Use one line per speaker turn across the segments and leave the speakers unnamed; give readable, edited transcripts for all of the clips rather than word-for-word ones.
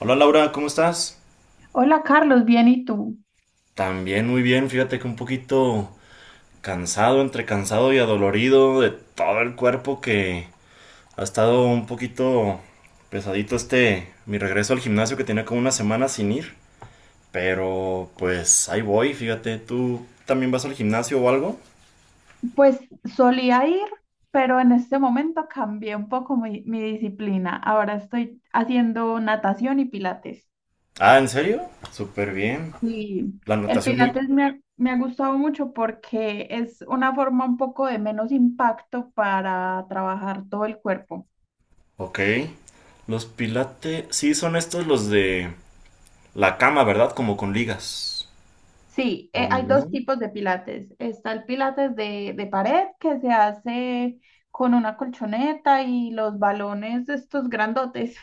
Hola Laura, ¿cómo estás?
Hola Carlos, bien, ¿y tú?
También muy bien, fíjate que un poquito cansado, entre cansado y adolorido de todo el cuerpo que ha estado un poquito pesadito este mi regreso al gimnasio que tenía como una semana sin ir, pero pues ahí voy, fíjate, ¿tú también vas al gimnasio o algo?
Pues solía ir, pero en este momento cambié un poco mi disciplina. Ahora estoy haciendo natación y pilates.
Ah, ¿en serio? Súper bien.
Y
La
el
natación muy...
pilates me ha gustado mucho porque es una forma un poco de menos impacto para trabajar todo el cuerpo.
Ok. Los pilates, sí, son estos los de la cama, ¿verdad? Como con ligas.
Sí,
¿O
hay
no?
dos tipos de pilates. Está el pilates de pared que se hace con una colchoneta y los balones de estos grandotes.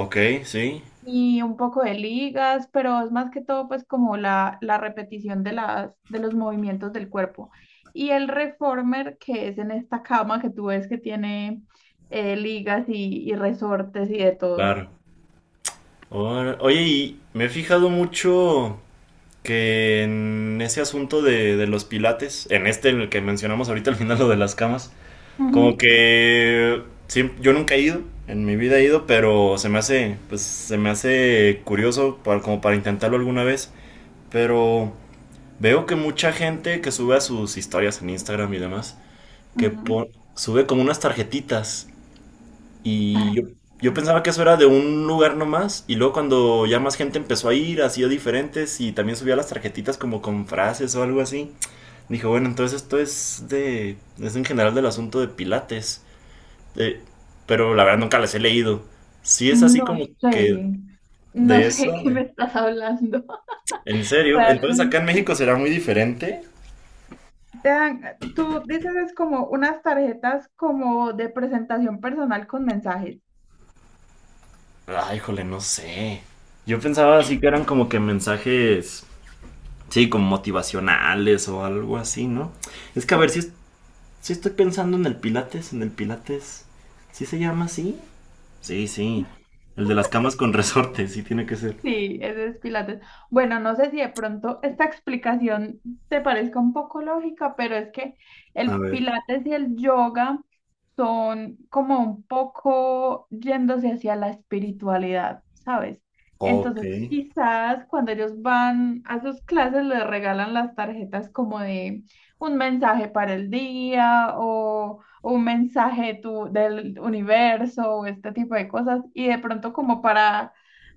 Ok, sí.
Y un poco de ligas, pero es más que todo pues como la repetición de los movimientos del cuerpo. Y el reformer, que es en esta cama que tú ves que tiene ligas y resortes y de todo.
Claro. Oye, y me he fijado mucho que en ese asunto de los pilates, en este en el que mencionamos ahorita al final lo de las camas, como
Ujú.
que yo nunca he ido, en mi vida he ido, pero se me hace, pues se me hace curioso como para intentarlo alguna vez, pero veo que mucha gente que sube a sus historias en Instagram y demás, que
Ujú.
sube como unas tarjetitas. Y yo
Tarjetas.
pensaba que eso era de un lugar nomás, y luego cuando ya más gente empezó a ir, hacía diferentes, y también subía las tarjetitas como con frases o algo así. Dije, bueno, entonces esto es es en general del asunto de Pilates. Eh, pero la verdad nunca las he leído. Sí es así
No
como que
sé, no
de eso,
sé qué me estás hablando.
en serio. Entonces acá en
Realmente.
México será muy diferente.
Tú dices es como unas tarjetas como de presentación personal con mensajes.
Ay, híjole, no sé. Yo pensaba así que eran como que mensajes, sí, como motivacionales o algo así, ¿no? Es que a ver si sí estoy pensando en el Pilates, en el Pilates. ¿Sí se llama así? Sí, sí. El de las camas con resorte, sí tiene que ser.
Sí, ese es Pilates. Bueno, no sé si de pronto esta explicación te parezca un poco lógica, pero es que
A
el
ver.
Pilates y el yoga son como un poco yéndose hacia la espiritualidad, ¿sabes?
Ok.
Entonces, quizás cuando ellos van a sus clases les regalan las tarjetas como de un mensaje para el día o un mensaje tu- del universo o este tipo de cosas y de pronto como para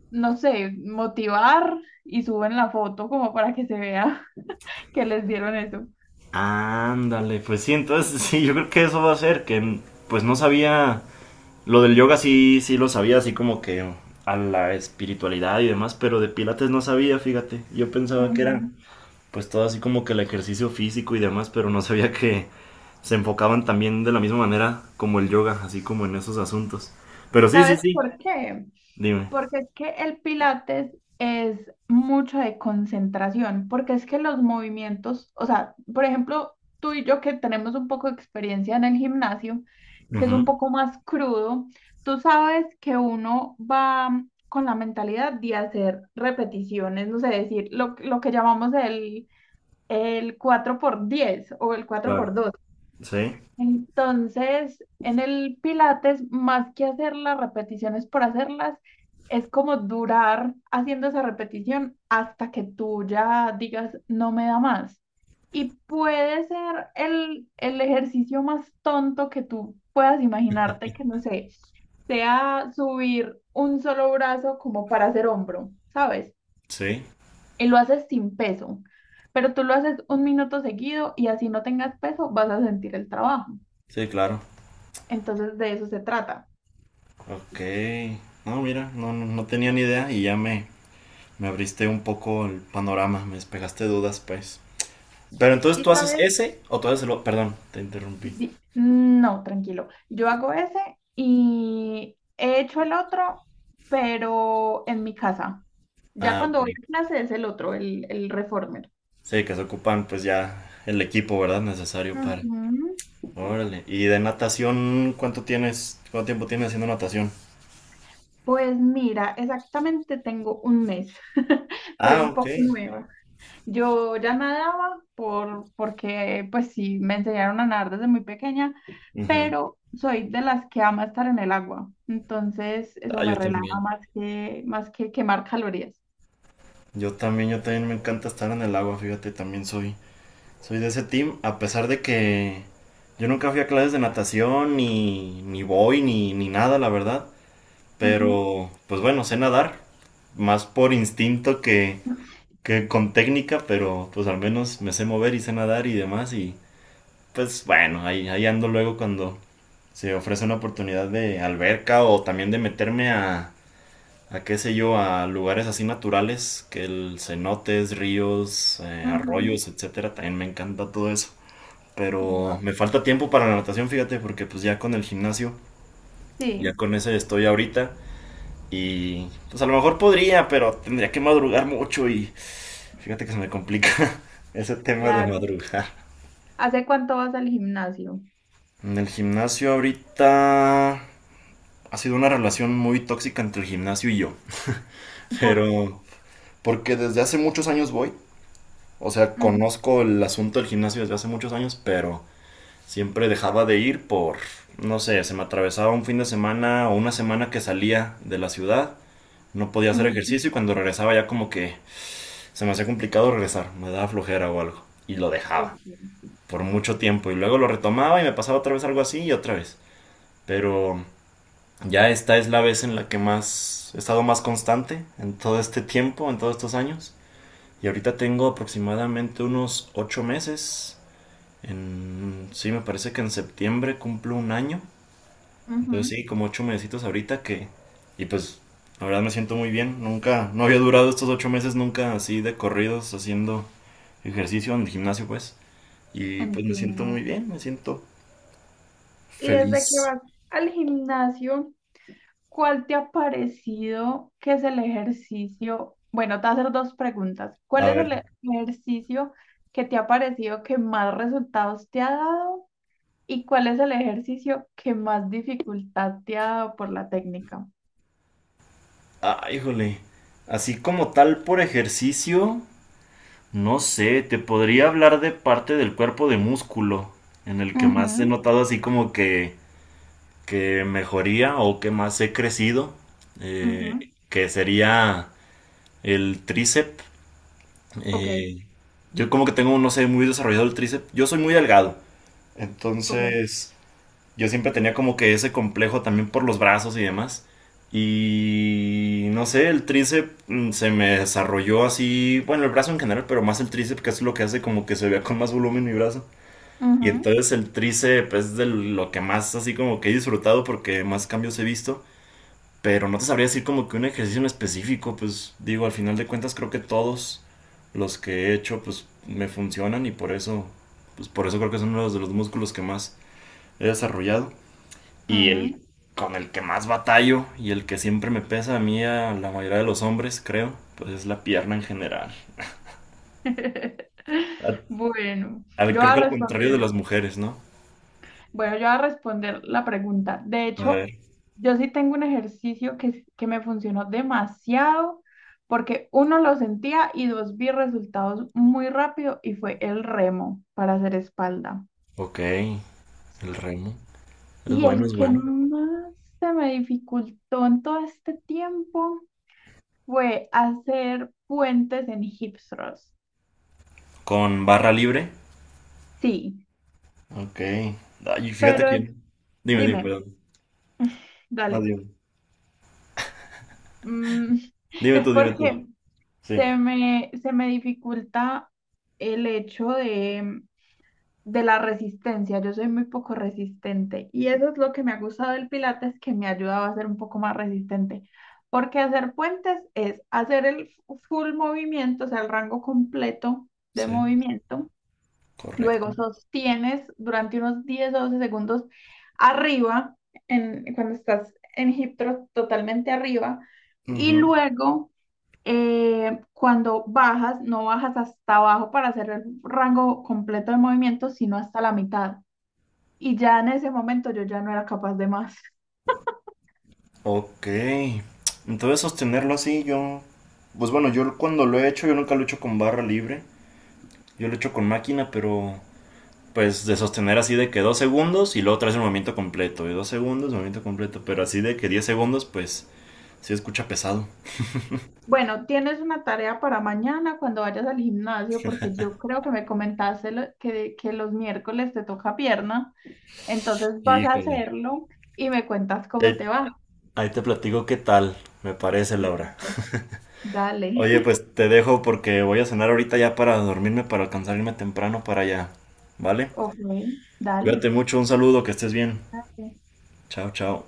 no sé, motivar y suben la foto como para que se vea que les dieron eso.
Ándale, pues sí, entonces sí, yo creo que eso va a ser, pues no sabía, lo del yoga sí, sí lo sabía, así como que a la espiritualidad y demás, pero de Pilates no sabía, fíjate, yo pensaba que era
Ujú.
pues todo así como que el ejercicio físico y demás, pero no sabía que se enfocaban también de la misma manera como el yoga, así como en esos asuntos. Pero sí, sí,
¿Sabes
sí,
por qué?
dime.
Porque es que el pilates es mucho de concentración, porque es que los movimientos, o sea, por ejemplo, tú y yo que tenemos un poco de experiencia en el gimnasio, que es un
Ujú.
poco más crudo, tú sabes que uno va con la mentalidad de hacer repeticiones, no sé, decir lo que llamamos el 4 por 10 o el cuatro
Claro.
por dos
Sí,
Entonces, en el Pilates, más que hacer las repeticiones por hacerlas, es como durar haciendo esa repetición hasta que tú ya digas, no me da más. Y puede ser el ejercicio más tonto que tú puedas imaginarte, que no sé, sea subir un solo brazo como para hacer hombro, ¿sabes?
sí,
Y lo haces sin peso, pero tú lo haces un minuto seguido y así no tengas peso, vas a sentir el trabajo.
sí, claro.
Entonces de eso se trata.
Ok. No, mira, no, no, no tenía ni idea y ya me abriste un poco el panorama, me despejaste dudas, pues. Pero entonces
Y
tú haces
sabes,
ese o tú haces el... o- Perdón, te interrumpí.
No, tranquilo. Yo hago ese y he hecho el otro, pero en mi casa. Ya
Ah, ok.
cuando voy a clase es el otro, el reformer.
Sí, que se ocupan pues ya el equipo, ¿verdad? Necesario para...
Ujú.
Órale. ¿Y de natación cuánto tiempo tienes haciendo natación?
Pues mira, exactamente tengo un mes. Soy
Ah,
un
ok.
poco nueva. Yo ya nadaba porque pues sí, me enseñaron a nadar desde muy pequeña,
Ujú.
pero soy de las que ama estar en el agua. Entonces
Ah,
eso me
yo
relaja
también.
más que quemar calorías.
Yo también, yo también me encanta estar en el agua, fíjate, también soy, soy de ese team, a pesar de que yo nunca fui a clases de natación, ni voy, ni nada, la verdad.
Ujú,
Pero, pues bueno, sé nadar, más por instinto que con técnica, pero pues al menos me sé mover y sé nadar y demás, y, pues bueno, ahí ando luego cuando se ofrece una oportunidad de alberca o también de meterme a qué sé yo, a lugares así naturales, que el cenotes, ríos,
ujú.
arroyos, etcétera, también me encanta todo eso. Pero
Wow.
me falta tiempo para la natación, fíjate, porque pues ya con el gimnasio, ya
Sí,
con ese estoy ahorita. Y pues a lo mejor podría, pero tendría que madrugar mucho y fíjate que se me complica ese tema de
claro.
madrugar.
¿Hace cuánto vas al gimnasio?
En el gimnasio ahorita ha sido una relación muy tóxica entre el gimnasio y yo.
Por...
Pero porque desde hace muchos años voy, o sea,
Ujú,
conozco el asunto del gimnasio desde hace muchos años, pero siempre dejaba de ir por, no sé, se me atravesaba un fin de semana o una semana que salía de la ciudad, no podía hacer
ujú.
ejercicio y cuando regresaba ya como que se me hacía complicado regresar, me daba flojera o algo y lo dejaba
Ok.
por mucho tiempo y luego lo retomaba y me pasaba otra vez algo así y otra vez. Pero ya esta es la vez en la que más he estado más constante en todo este tiempo, en todos estos años. Y ahorita tengo aproximadamente unos 8 meses. Sí, me parece que en septiembre cumplo un año. Entonces
Ujú.
sí, como 8 mesecitos ahorita que... Y pues la verdad me siento muy bien. Nunca, no había durado estos 8 meses nunca así de corridos haciendo ejercicio en el gimnasio pues. Y pues me siento
Entiendo.
muy bien, me siento
¿Y desde que
feliz.
vas al gimnasio? ¿Cuál te ha parecido que es el ejercicio? Bueno, te voy a hacer dos preguntas. ¿Cuál
A
es
ver.
el e- ejercicio que te ha parecido que más resultados te ha dado? ¿Y cuál es el ejercicio que más dificultad te ha dado por la técnica?
Ah, híjole. Así como tal por ejercicio. No sé, te podría hablar de parte del cuerpo de músculo, en el que
Ujú,
más he notado así como que mejoría o que más he crecido,
ujú.
que sería el tríceps.
Ok,
Eh, yo como que tengo, no sé, muy desarrollado el tríceps. Yo soy muy delgado,
ok.
entonces yo siempre tenía como que ese complejo también por los brazos y demás. Y no sé, el tríceps se me desarrolló así, bueno, el brazo en general, pero más el tríceps, que es lo que hace como que se vea con más volumen mi brazo. Y
Ujú,
entonces el tríceps es de lo que más así como que he disfrutado porque más cambios he visto. Pero no te sabría decir como que un ejercicio en específico, pues digo, al final de cuentas creo que todos los que he hecho pues me funcionan y por eso, pues por eso creo que son uno de los músculos que más he desarrollado. Y
ujú.
el con el que más batallo y el que siempre me pesa a mí, a la mayoría de los hombres, creo, pues es la pierna en general. A-
Bueno,
al-
yo voy
creo
a
que al contrario de
responder.
las mujeres, ¿no?
Bueno, yo voy a responder la pregunta. De
A ver.
hecho, yo sí tengo un ejercicio que me funcionó demasiado porque uno lo sentía y dos vi resultados muy rápido y fue el remo para hacer espalda.
Ok, el remo. Es
Y
bueno,
el
es
que
bueno.
más se me dificultó en todo este tiempo fue hacer puentes en hip thrust.
Con barra libre.
Sí,
Ok. Ay, fíjate
pero es-
quién. Dime, dime,
dime,
perdón. No,
dale.
dime.
Mm,
Dime
es
tú, dime tú.
porque
Sí.
se me dificulta el hecho de la resistencia. Yo soy muy poco resistente y eso es lo que me ha gustado del Pilates, que me ayudaba a ser un poco más resistente. Porque hacer puentes es hacer el full movimiento, o sea, el rango completo de
Sí.
movimiento.
Correcto.
Luego sostienes durante unos 10 o 12 segundos arriba, en, cuando estás en hip thrust totalmente arriba. Y
Ujú.
luego cuando bajas, no bajas hasta abajo para hacer el rango completo de movimiento, sino hasta la mitad. Y ya en ese momento yo ya no era capaz de más.
Ok. Entonces sostenerlo así, yo... Pues bueno, yo cuando lo he hecho, yo nunca lo he hecho con barra libre. Yo lo echo con máquina, pero pues de sostener así de que 2 segundos y luego traes el movimiento completo. Y 2 segundos, movimiento completo. Pero así de que 10 segundos, pues sí escucha pesado.
Bueno, tienes una tarea para mañana cuando vayas al gimnasio, porque yo creo que me comentaste que los miércoles te toca pierna, entonces vas a
Híjole.
hacerlo y me cuentas cómo te
Ahí
va.
ahí te platico qué tal, me parece, Laura.
Listo, dale,
Oye, pues te dejo porque voy a cenar ahorita ya para dormirme, para alcanzar irme temprano para allá. ¿Vale?
ok, dale.
Cuídate mucho, un saludo, que estés bien.
Dale.
Chao, chao.